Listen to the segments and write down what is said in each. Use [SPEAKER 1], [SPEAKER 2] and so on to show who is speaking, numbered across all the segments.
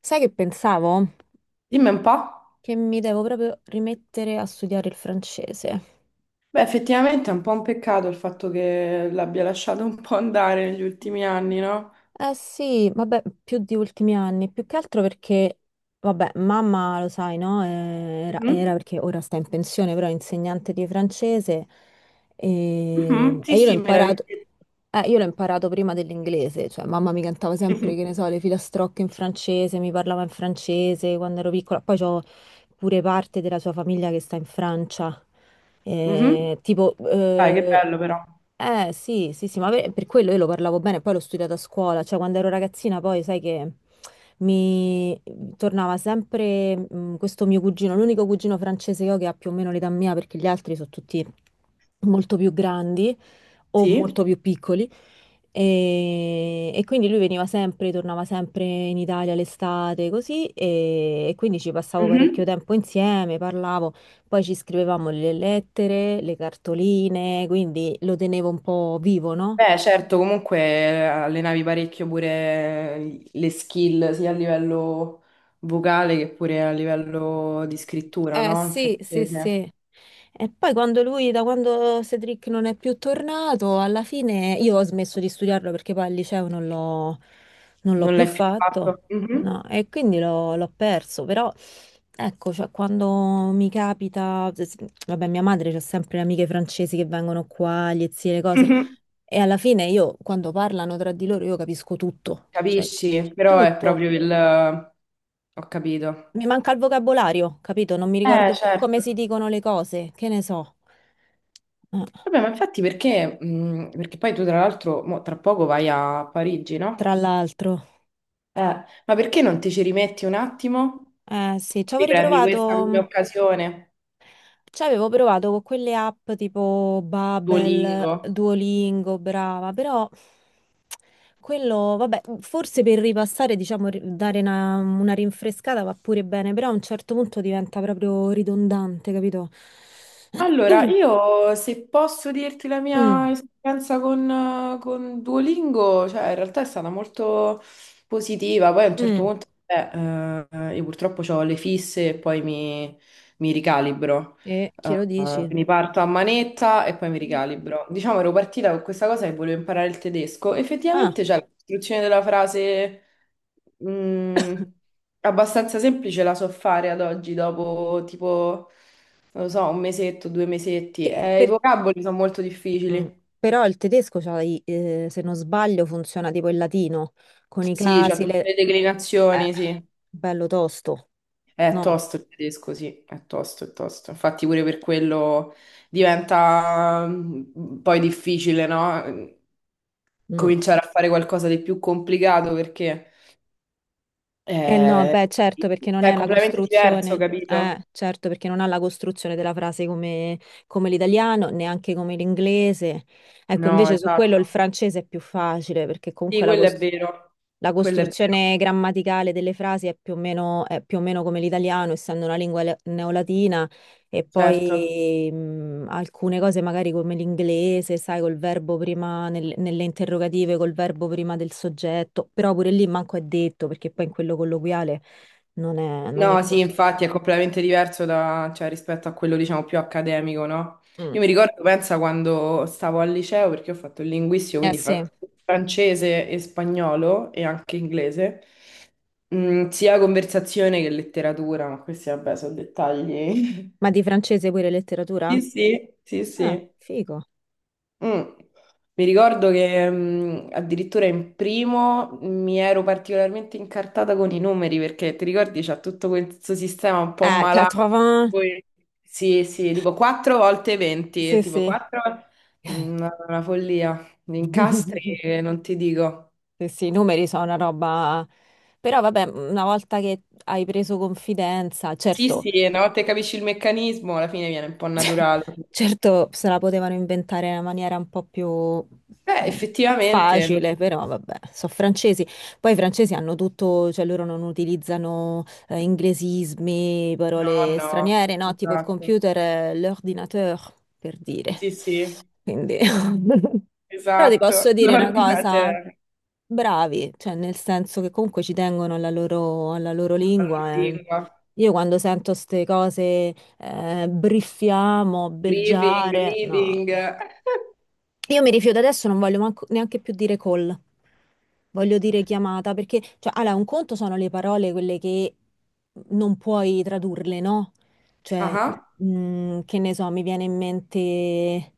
[SPEAKER 1] Sai che pensavo?
[SPEAKER 2] Dimmi un po'.
[SPEAKER 1] Che mi devo proprio rimettere a studiare il francese.
[SPEAKER 2] Beh, effettivamente è un po' un peccato il fatto che l'abbia lasciato un po' andare negli ultimi anni, no?
[SPEAKER 1] Eh sì, vabbè, più di ultimi anni, più che altro perché, vabbè, mamma lo sai, no? Era
[SPEAKER 2] Mhm.
[SPEAKER 1] perché ora sta in pensione, però è insegnante di francese e,
[SPEAKER 2] Mhm.
[SPEAKER 1] e
[SPEAKER 2] Sì,
[SPEAKER 1] io l'ho
[SPEAKER 2] sì,
[SPEAKER 1] imparato,
[SPEAKER 2] meraviglioso.
[SPEAKER 1] eh, io l'ho imparato prima dell'inglese, cioè mamma mi cantava sempre, che ne so, le filastrocche in francese, mi parlava in francese quando ero piccola, poi ho pure parte della sua famiglia che sta in Francia.
[SPEAKER 2] Mhm.
[SPEAKER 1] Tipo,
[SPEAKER 2] Dai, che bello però.
[SPEAKER 1] sì, sì, sì, ma per quello io lo parlavo bene, poi l'ho studiato a scuola, cioè quando ero ragazzina poi sai che mi tornava sempre questo mio cugino, l'unico cugino francese che ho che ha più o meno l'età mia perché gli altri sono tutti molto più grandi o
[SPEAKER 2] Sì.
[SPEAKER 1] molto più piccoli e quindi lui veniva sempre, tornava sempre in Italia l'estate, così, e quindi ci passavo
[SPEAKER 2] Mhm.
[SPEAKER 1] parecchio tempo insieme, parlavo, poi ci scrivevamo le lettere, le cartoline, quindi lo tenevo un po' vivo, no?
[SPEAKER 2] Beh, certo, comunque allenavi parecchio pure le skill sia a livello vocale che pure a livello di scrittura,
[SPEAKER 1] Eh
[SPEAKER 2] no? In
[SPEAKER 1] sì, sì, sì.
[SPEAKER 2] francese.
[SPEAKER 1] E poi quando lui, da quando Cedric non è più tornato, alla fine io ho smesso di studiarlo perché poi al liceo non l'ho
[SPEAKER 2] Non
[SPEAKER 1] più
[SPEAKER 2] l'hai più
[SPEAKER 1] fatto,
[SPEAKER 2] fatto. Mhm.
[SPEAKER 1] no, e quindi l'ho perso, però ecco, cioè, quando mi capita, vabbè, mia madre c'ha sempre le amiche francesi che vengono qua, gli zii, le cose,
[SPEAKER 2] Mhm.
[SPEAKER 1] e alla fine io quando parlano tra di loro io capisco tutto, cioè
[SPEAKER 2] Capisci? Però è
[SPEAKER 1] tutto
[SPEAKER 2] proprio il... Ho capito.
[SPEAKER 1] mi manca il vocabolario, capito? Non mi ricordo più come
[SPEAKER 2] Certo.
[SPEAKER 1] si dicono le cose, che ne so. Eh,
[SPEAKER 2] Vabbè, ma infatti perché poi tu tra l'altro mo tra poco vai a Parigi, no?
[SPEAKER 1] Tra l'altro,
[SPEAKER 2] Eh, ma perché non ti ci rimetti un attimo?
[SPEAKER 1] eh sì,
[SPEAKER 2] Riprendi questa come occasione,
[SPEAKER 1] ci avevo provato con quelle app tipo Babbel,
[SPEAKER 2] Duolingo.
[SPEAKER 1] Duolingo, brava, però quello, vabbè, forse per ripassare, diciamo, dare una rinfrescata va pure bene, però a un certo punto diventa proprio ridondante, capito?
[SPEAKER 2] Allora, io se posso dirti la mia
[SPEAKER 1] Mm,
[SPEAKER 2] esperienza con, con Duolingo, cioè in realtà è stata molto positiva, poi a un certo
[SPEAKER 1] mm.
[SPEAKER 2] punto io purtroppo ho le fisse e poi mi ricalibro.
[SPEAKER 1] E
[SPEAKER 2] Eh,
[SPEAKER 1] chi lo
[SPEAKER 2] eh,
[SPEAKER 1] dici?
[SPEAKER 2] quindi parto a manetta e poi mi ricalibro. Diciamo ero partita con questa cosa che volevo imparare il tedesco,
[SPEAKER 1] Ah,
[SPEAKER 2] effettivamente c'è la costruzione della frase mh, abbastanza semplice, la so fare ad oggi dopo tipo non lo so, un mesetto, due mesetti.
[SPEAKER 1] che-
[SPEAKER 2] I
[SPEAKER 1] per-
[SPEAKER 2] vocaboli sono molto
[SPEAKER 1] Mm.
[SPEAKER 2] difficili.
[SPEAKER 1] Però il tedesco, c'ha se non sbaglio, funziona tipo il latino, con i
[SPEAKER 2] Sì, c'ha
[SPEAKER 1] casi,
[SPEAKER 2] tutte
[SPEAKER 1] le...
[SPEAKER 2] le
[SPEAKER 1] eh,
[SPEAKER 2] declinazioni, sì.
[SPEAKER 1] bello tosto,
[SPEAKER 2] È
[SPEAKER 1] no?
[SPEAKER 2] tosto il tedesco, sì, è tosto, è tosto. Infatti pure per quello diventa poi difficile, no?
[SPEAKER 1] Mm.
[SPEAKER 2] Cominciare a fare qualcosa di più complicato perché
[SPEAKER 1] Eh no,
[SPEAKER 2] eh,
[SPEAKER 1] beh, certo, perché non
[SPEAKER 2] cioè,
[SPEAKER 1] è
[SPEAKER 2] è
[SPEAKER 1] la
[SPEAKER 2] completamente diverso,
[SPEAKER 1] costruzione,
[SPEAKER 2] capito?
[SPEAKER 1] certo, perché non ha la costruzione della frase come l'italiano, neanche come l'inglese. Ecco,
[SPEAKER 2] No,
[SPEAKER 1] invece su quello il
[SPEAKER 2] esatto.
[SPEAKER 1] francese è più facile, perché
[SPEAKER 2] Sì,
[SPEAKER 1] comunque la costruzione... La
[SPEAKER 2] quello è vero,
[SPEAKER 1] costruzione grammaticale delle frasi è più o meno come l'italiano, essendo una lingua neolatina, e
[SPEAKER 2] certo.
[SPEAKER 1] poi alcune cose magari come l'inglese, sai, col verbo prima nelle interrogative, col verbo prima del soggetto, però pure lì manco è detto, perché poi in quello colloquiale non è
[SPEAKER 2] No, sì,
[SPEAKER 1] così.
[SPEAKER 2] infatti è completamente diverso cioè, rispetto a quello, diciamo, più accademico, no? Io
[SPEAKER 1] Mm.
[SPEAKER 2] mi ricordo, pensa, quando stavo al liceo, perché ho fatto il linguistico,
[SPEAKER 1] Eh
[SPEAKER 2] quindi
[SPEAKER 1] sì,
[SPEAKER 2] francese e spagnolo e anche inglese, sia conversazione che letteratura, ma questi, vabbè, sono dettagli.
[SPEAKER 1] ma di francese pure letteratura?
[SPEAKER 2] Sì, sì, sì,
[SPEAKER 1] Ah,
[SPEAKER 2] sì.
[SPEAKER 1] figo.
[SPEAKER 2] Mm. Mi ricordo che addirittura in primo mi ero particolarmente incartata con i numeri perché ti ricordi c'è tutto questo sistema un po' malato.
[SPEAKER 1] 80,
[SPEAKER 2] Poi- Sì, sì, tipo 4 volte 20,
[SPEAKER 1] sì,
[SPEAKER 2] tipo
[SPEAKER 1] sì.
[SPEAKER 2] 4 una follia. Gli incastri non ti dico.
[SPEAKER 1] Sì, sì, i numeri sono una roba... Però vabbè, una volta che hai preso confidenza,
[SPEAKER 2] Sì,
[SPEAKER 1] certo.
[SPEAKER 2] sì, una volta che capisci il meccanismo alla fine viene un po' naturale.
[SPEAKER 1] Certo, se la potevano inventare in una maniera un po' più
[SPEAKER 2] Beh, effettivamente, no,
[SPEAKER 1] facile, però vabbè, sono francesi. Poi i francesi hanno tutto, cioè loro non utilizzano inglesismi, parole
[SPEAKER 2] no,
[SPEAKER 1] straniere, no? Tipo il
[SPEAKER 2] esatto.
[SPEAKER 1] computer, è l'ordinateur, per dire.
[SPEAKER 2] Sì, sì,
[SPEAKER 1] Quindi... Però ti posso
[SPEAKER 2] esatto,
[SPEAKER 1] dire una cosa,
[SPEAKER 2] l'ordinatore,
[SPEAKER 1] bravi, cioè nel senso che comunque ci tengono alla loro
[SPEAKER 2] alla
[SPEAKER 1] lingua, eh.
[SPEAKER 2] lingua.
[SPEAKER 1] Io quando sento queste cose, briffiamo,
[SPEAKER 2] Briefing,
[SPEAKER 1] beggiare, no.
[SPEAKER 2] reading.
[SPEAKER 1] Io mi rifiuto adesso, non voglio neanche più dire call, voglio dire chiamata, perché, cioè, allora, un conto sono le parole, quelle che non puoi tradurle, no? Cioè,
[SPEAKER 2] Ah,
[SPEAKER 1] che ne so, mi viene in mente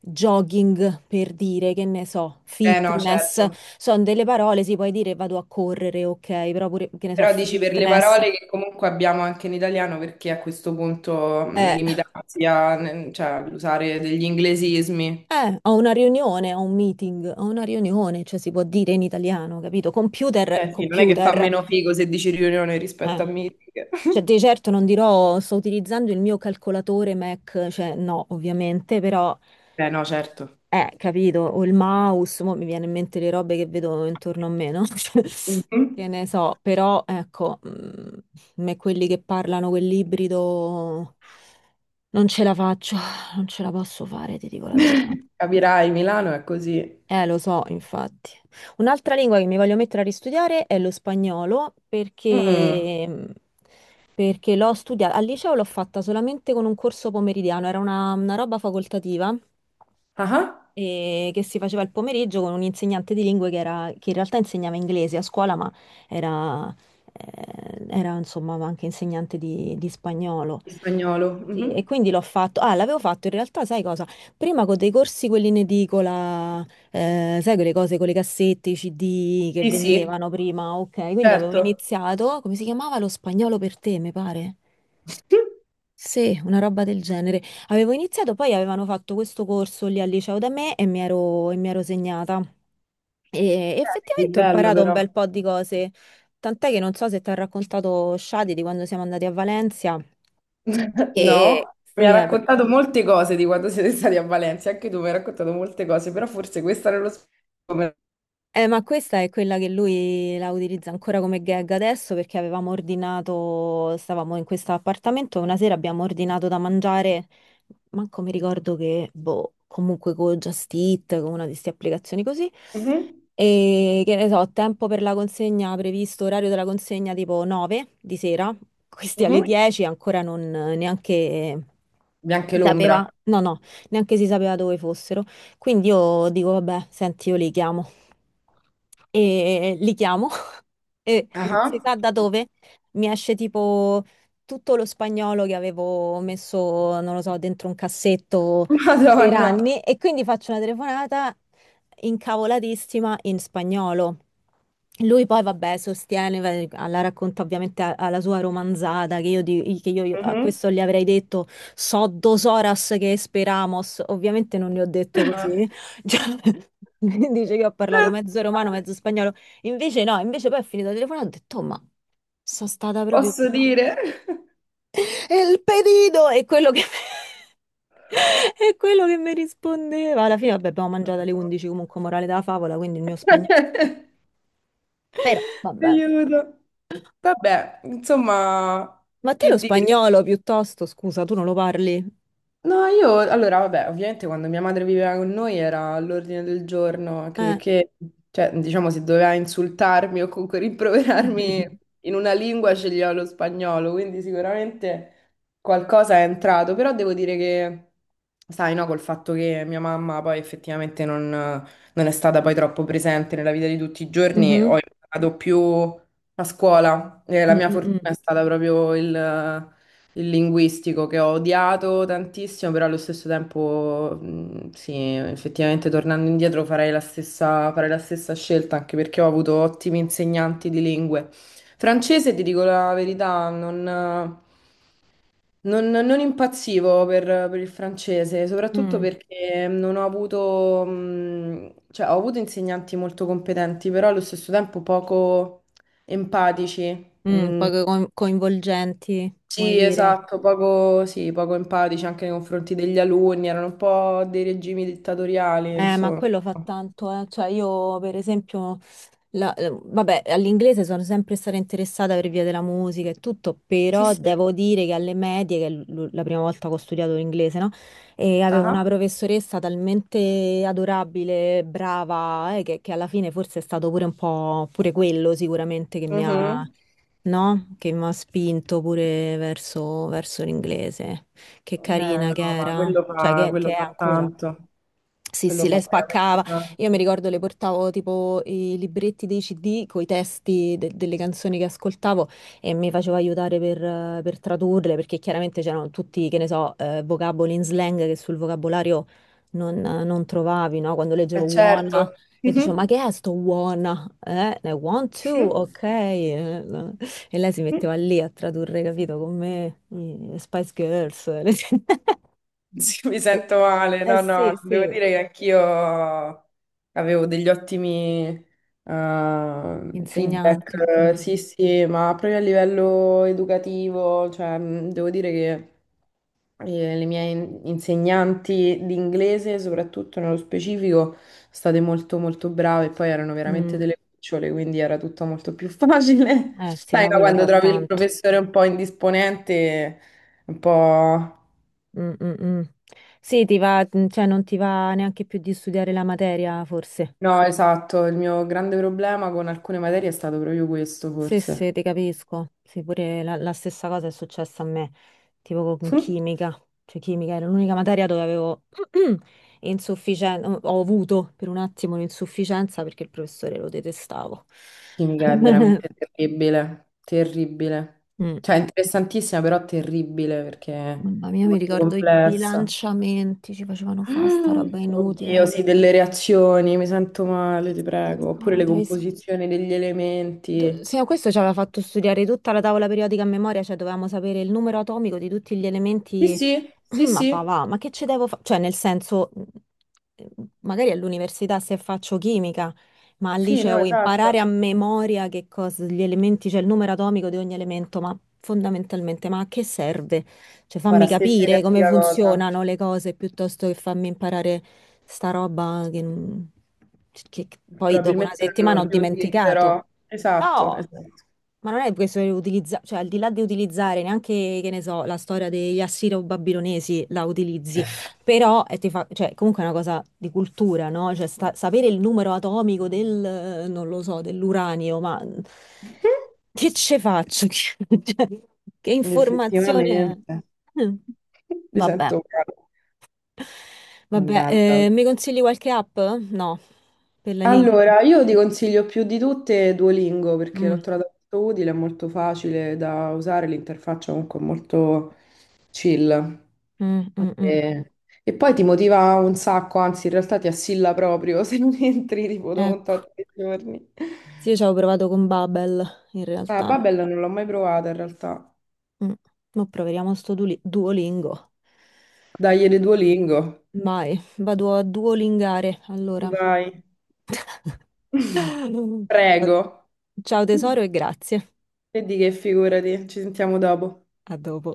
[SPEAKER 1] jogging per dire, che ne so,
[SPEAKER 2] eh no,
[SPEAKER 1] fitness,
[SPEAKER 2] certo.
[SPEAKER 1] sono delle parole, si puoi dire vado a correre, ok, però pure, che ne so,
[SPEAKER 2] Però dici per le
[SPEAKER 1] fitness.
[SPEAKER 2] parole che comunque abbiamo anche in italiano, perché a questo punto
[SPEAKER 1] Eh.
[SPEAKER 2] limitarsi a, cioè, all'usare degli inglesismi.
[SPEAKER 1] Ho una riunione, ho un meeting, ho una riunione, cioè si può dire in italiano, capito? Computer è
[SPEAKER 2] Cioè, sì, non è che fa
[SPEAKER 1] computer.
[SPEAKER 2] meno figo se dici riunione
[SPEAKER 1] Eh.
[SPEAKER 2] rispetto a meeting.
[SPEAKER 1] Cioè, di certo non dirò sto utilizzando il mio calcolatore Mac, cioè no, ovviamente, però
[SPEAKER 2] Eh no, certo.
[SPEAKER 1] capito, o il mouse, mo mi viene in mente le robe che vedo intorno a me, no? Cioè, che
[SPEAKER 2] Mhm.
[SPEAKER 1] ne so, però ecco, a me quelli che parlano quell'ibrido non ce la faccio, non ce la posso fare, ti dico la verità.
[SPEAKER 2] Capirai, Milano è così.
[SPEAKER 1] Lo so, infatti. Un'altra lingua che mi voglio mettere a ristudiare è lo spagnolo
[SPEAKER 2] Mm.
[SPEAKER 1] perché l'ho studiata al liceo l'ho fatta solamente con un corso pomeridiano, era una roba facoltativa
[SPEAKER 2] Ah,
[SPEAKER 1] e che si faceva il pomeriggio con un insegnante di lingue che, che in realtà insegnava inglese a scuola, ma era, era, insomma anche insegnante di spagnolo.
[SPEAKER 2] il spagnolo.
[SPEAKER 1] Sì,
[SPEAKER 2] Mhm.
[SPEAKER 1] e quindi l'ho fatto. Ah, l'avevo fatto in realtà, sai cosa? Prima con dei corsi, quelli in edicola, sai quelle cose con le cassette, i CD che
[SPEAKER 2] Sì, sì,
[SPEAKER 1] vendevano prima, ok. Quindi avevo
[SPEAKER 2] certo.
[SPEAKER 1] iniziato, come si chiamava? Lo spagnolo per te, mi pare. Sì, una roba del genere. Avevo iniziato, poi avevano fatto questo corso lì al liceo da me e mi ero segnata. E
[SPEAKER 2] È
[SPEAKER 1] effettivamente ho
[SPEAKER 2] bello
[SPEAKER 1] imparato un
[SPEAKER 2] però.
[SPEAKER 1] bel po' di cose, tant'è che non so se ti ha raccontato Shadi di quando siamo andati a Valencia.
[SPEAKER 2] No,
[SPEAKER 1] E
[SPEAKER 2] mi
[SPEAKER 1] sì,
[SPEAKER 2] ha
[SPEAKER 1] eh beh.
[SPEAKER 2] raccontato molte cose di quando siete stati a Valencia, anche tu mi hai raccontato molte cose, però forse questa nello specifico.
[SPEAKER 1] Ma questa è quella che lui la utilizza ancora come gag adesso perché avevamo ordinato, stavamo in questo appartamento, una sera abbiamo ordinato da mangiare, manco mi ricordo che, boh, comunque con Just Eat, con una di queste applicazioni così.
[SPEAKER 2] Mhm,
[SPEAKER 1] E che ne so, tempo per la consegna previsto, orario della consegna tipo 9 di sera, questi alle
[SPEAKER 2] mhm.
[SPEAKER 1] 10 ancora non neanche
[SPEAKER 2] Bianche
[SPEAKER 1] si
[SPEAKER 2] l'ombra.
[SPEAKER 1] sapeva, no, no, neanche si sapeva dove fossero. Quindi io dico, vabbè, senti, io li chiamo e li chiamo e non si
[SPEAKER 2] Ah,
[SPEAKER 1] sa da dove mi esce tipo tutto lo spagnolo che avevo messo, non lo so, dentro un cassetto per
[SPEAKER 2] Madonna.
[SPEAKER 1] anni e quindi faccio una telefonata incavolatissima in spagnolo. Lui poi, vabbè, sostiene, la racconta ovviamente alla sua romanzata, che io a
[SPEAKER 2] Mhm.
[SPEAKER 1] questo gli avrei detto so dos horas que esperamos, ovviamente non gli ho detto
[SPEAKER 2] Ah,
[SPEAKER 1] così. Cioè, dice che ho parlato mezzo romano, mezzo spagnolo. Invece no, invece poi ho finito il telefono e ho detto, "Oh, ma sono stata proprio
[SPEAKER 2] posso
[SPEAKER 1] brava."
[SPEAKER 2] dire?
[SPEAKER 1] E il pedito è quello che mi rispondeva. Alla fine, vabbè, abbiamo mangiato alle 11, comunque morale della favola, quindi il mio spagnolo. Però, vabbè.
[SPEAKER 2] Aiuto. Vabbè, insomma,
[SPEAKER 1] Ma te
[SPEAKER 2] che
[SPEAKER 1] lo
[SPEAKER 2] dire?
[SPEAKER 1] spagnolo piuttosto, scusa, tu non lo parli?
[SPEAKER 2] No, io allora, vabbè, ovviamente quando mia madre viveva con noi era all'ordine del giorno, anche
[SPEAKER 1] Eh.
[SPEAKER 2] perché, cioè, diciamo, se doveva insultarmi o comunque rimproverarmi in una lingua sceglieva lo spagnolo, quindi sicuramente qualcosa è entrato, però devo dire che, sai, no, col fatto che mia mamma poi effettivamente non, non è stata poi troppo presente nella vita di tutti i giorni, ho
[SPEAKER 1] Mhm.
[SPEAKER 2] imparato più a scuola, e la
[SPEAKER 1] Mm,
[SPEAKER 2] mia
[SPEAKER 1] mm, mm.
[SPEAKER 2] fortuna è stata proprio il linguistico che ho odiato tantissimo, però allo stesso tempo, sì, effettivamente tornando indietro farei la stessa scelta, anche perché ho avuto ottimi insegnanti di lingue. Francese, ti dico la verità, non impazzivo per il francese, soprattutto
[SPEAKER 1] Mm,
[SPEAKER 2] perché non ho avuto, cioè ho avuto insegnanti molto competenti, però allo stesso tempo poco empatici. Mm,
[SPEAKER 1] poco coinvolgenti, vuoi
[SPEAKER 2] sì,
[SPEAKER 1] dire?
[SPEAKER 2] esatto, poco, sì, poco empatici anche nei confronti degli alunni, erano un po' dei regimi dittatoriali,
[SPEAKER 1] Ma
[SPEAKER 2] insomma.
[SPEAKER 1] quello fa tanto, eh. Cioè io per esempio, vabbè, all'inglese sono sempre stata interessata per via della musica e tutto,
[SPEAKER 2] Sì,
[SPEAKER 1] però
[SPEAKER 2] sì.
[SPEAKER 1] devo dire che alle medie, che è la prima volta che ho studiato l'inglese, no? E avevo
[SPEAKER 2] Ah.
[SPEAKER 1] una professoressa talmente adorabile, brava, che alla fine forse è stato pure un po', pure quello sicuramente che mi ha,
[SPEAKER 2] Mhm.
[SPEAKER 1] no? Che mi ha spinto pure verso l'inglese. Che
[SPEAKER 2] Eh,
[SPEAKER 1] carina
[SPEAKER 2] no,
[SPEAKER 1] che
[SPEAKER 2] ma
[SPEAKER 1] era, cioè che
[SPEAKER 2] quello
[SPEAKER 1] è
[SPEAKER 2] fa
[SPEAKER 1] ancora.
[SPEAKER 2] tanto,
[SPEAKER 1] Sì,
[SPEAKER 2] quello
[SPEAKER 1] sì, lei
[SPEAKER 2] fa
[SPEAKER 1] spaccava.
[SPEAKER 2] veramente
[SPEAKER 1] Io mi
[SPEAKER 2] tanto.
[SPEAKER 1] ricordo le portavo tipo i libretti dei CD con i testi delle canzoni che ascoltavo e mi faceva aiutare per tradurle perché chiaramente c'erano tutti, che ne so, vocaboli in slang che sul vocabolario non trovavi, no? Quando leggevo
[SPEAKER 2] Eh
[SPEAKER 1] wanna
[SPEAKER 2] certo.
[SPEAKER 1] e dicevo, ma
[SPEAKER 2] Mhm.
[SPEAKER 1] che è sto wanna? Want to, ok. No. E lei si
[SPEAKER 2] Mhm.
[SPEAKER 1] metteva lì a tradurre, capito, con me, i Spice Girls.
[SPEAKER 2] Sì, mi sento male,
[SPEAKER 1] Eh
[SPEAKER 2] no,
[SPEAKER 1] sì,
[SPEAKER 2] no, devo
[SPEAKER 1] sì.
[SPEAKER 2] dire che anch'io avevo degli ottimi feedback,
[SPEAKER 1] Insegnanti. Mm,
[SPEAKER 2] sì, sì, ma proprio a livello educativo, cioè, devo dire che le mie insegnanti di inglese, soprattutto nello specifico, state molto molto brave e poi erano veramente
[SPEAKER 1] mm.
[SPEAKER 2] delle cucciole, quindi era tutto molto più facile.
[SPEAKER 1] Eh sì,
[SPEAKER 2] Sai,
[SPEAKER 1] ma
[SPEAKER 2] no,
[SPEAKER 1] quello
[SPEAKER 2] quando
[SPEAKER 1] fa
[SPEAKER 2] trovi il
[SPEAKER 1] tanto.
[SPEAKER 2] professore un po' indisponente, un po'...
[SPEAKER 1] Mm, mm, mm. Sì, ti va, cioè non ti va neanche più di studiare la materia, forse.
[SPEAKER 2] No, esatto, il mio grande problema con alcune materie è stato proprio questo,
[SPEAKER 1] Sì,
[SPEAKER 2] forse.
[SPEAKER 1] sì, ti capisco. Sì, pure la stessa cosa è successa a me, tipo con chimica. Cioè, chimica era l'unica materia dove avevo insufficienza, ho avuto per un attimo un'insufficienza perché il professore lo detestavo.
[SPEAKER 2] Chimica è veramente terribile, terribile.
[SPEAKER 1] Mm.
[SPEAKER 2] Cioè, interessantissima, però terribile perché è
[SPEAKER 1] Mamma mia, mi
[SPEAKER 2] molto
[SPEAKER 1] ricordo i
[SPEAKER 2] complessa.
[SPEAKER 1] bilanciamenti, ci facevano fare sta
[SPEAKER 2] Mm,
[SPEAKER 1] roba
[SPEAKER 2] Oddio,
[SPEAKER 1] inutile.
[SPEAKER 2] sì, delle reazioni, mi sento
[SPEAKER 1] Che
[SPEAKER 2] male, ti prego. Oppure
[SPEAKER 1] schifo,
[SPEAKER 2] le composizioni degli elementi.
[SPEAKER 1] Sì, ma questo ci aveva fatto studiare tutta la tavola periodica a memoria, cioè dovevamo sapere il numero atomico di tutti gli
[SPEAKER 2] Sì,
[SPEAKER 1] elementi.
[SPEAKER 2] sì, sì,
[SPEAKER 1] Ma va,
[SPEAKER 2] sì,
[SPEAKER 1] va, ma che ci devo fare? Cioè, nel senso, eh, magari all'università se faccio chimica, ma al
[SPEAKER 2] sì, no,
[SPEAKER 1] liceo imparare a
[SPEAKER 2] esatto.
[SPEAKER 1] memoria che cosa, gli elementi, cioè il numero atomico di ogni elemento, ma fondamentalmente, ma a che serve? Cioè, fammi
[SPEAKER 2] Guarda, stessa
[SPEAKER 1] capire come
[SPEAKER 2] identica cosa.
[SPEAKER 1] funzionano le cose piuttosto che farmi imparare sta roba che, non- che poi dopo una
[SPEAKER 2] Probabilmente
[SPEAKER 1] settimana ho
[SPEAKER 2] non
[SPEAKER 1] dimenticato.
[SPEAKER 2] riutilizzerò. Esatto,
[SPEAKER 1] No,
[SPEAKER 2] esatto.
[SPEAKER 1] ma non è questo che utilizza, cioè al di là di utilizzare neanche, che ne so, la storia degli assiro-babilonesi la utilizzi, però cioè, comunque è una cosa di cultura, no? Cioè sapere il numero atomico del, non lo so, dell'uranio, ma che ce faccio? Cioè, che informazione
[SPEAKER 2] Effettivamente,
[SPEAKER 1] è? Mm.
[SPEAKER 2] mi
[SPEAKER 1] Vabbè,
[SPEAKER 2] sento un calo.
[SPEAKER 1] vabbè,
[SPEAKER 2] Mannaggia.
[SPEAKER 1] mi consigli qualche app? No, per la lingua.
[SPEAKER 2] Allora, io ti consiglio più di tutte Duolingo perché l'ho
[SPEAKER 1] Mm,
[SPEAKER 2] trovata molto utile, è molto facile da usare, l'interfaccia comunque è molto chill.
[SPEAKER 1] mm, mm, mm.
[SPEAKER 2] E, e poi ti motiva un sacco, anzi in realtà ti assilla proprio se non entri tipo dopo
[SPEAKER 1] Ecco.
[SPEAKER 2] tanti giorni.
[SPEAKER 1] Sì, io ci avevo provato con Babel, in
[SPEAKER 2] Ah,
[SPEAKER 1] realtà.
[SPEAKER 2] Babbel non l'ho mai provata in realtà.
[SPEAKER 1] Mm. Ma proveremo sto Duolingo.
[SPEAKER 2] Dai, le Duolingo.
[SPEAKER 1] Vai, vado a duolingare, allora.
[SPEAKER 2] Vai. Prego.
[SPEAKER 1] Ciao tesoro e grazie.
[SPEAKER 2] E di che figurati, ci sentiamo dopo.
[SPEAKER 1] A dopo.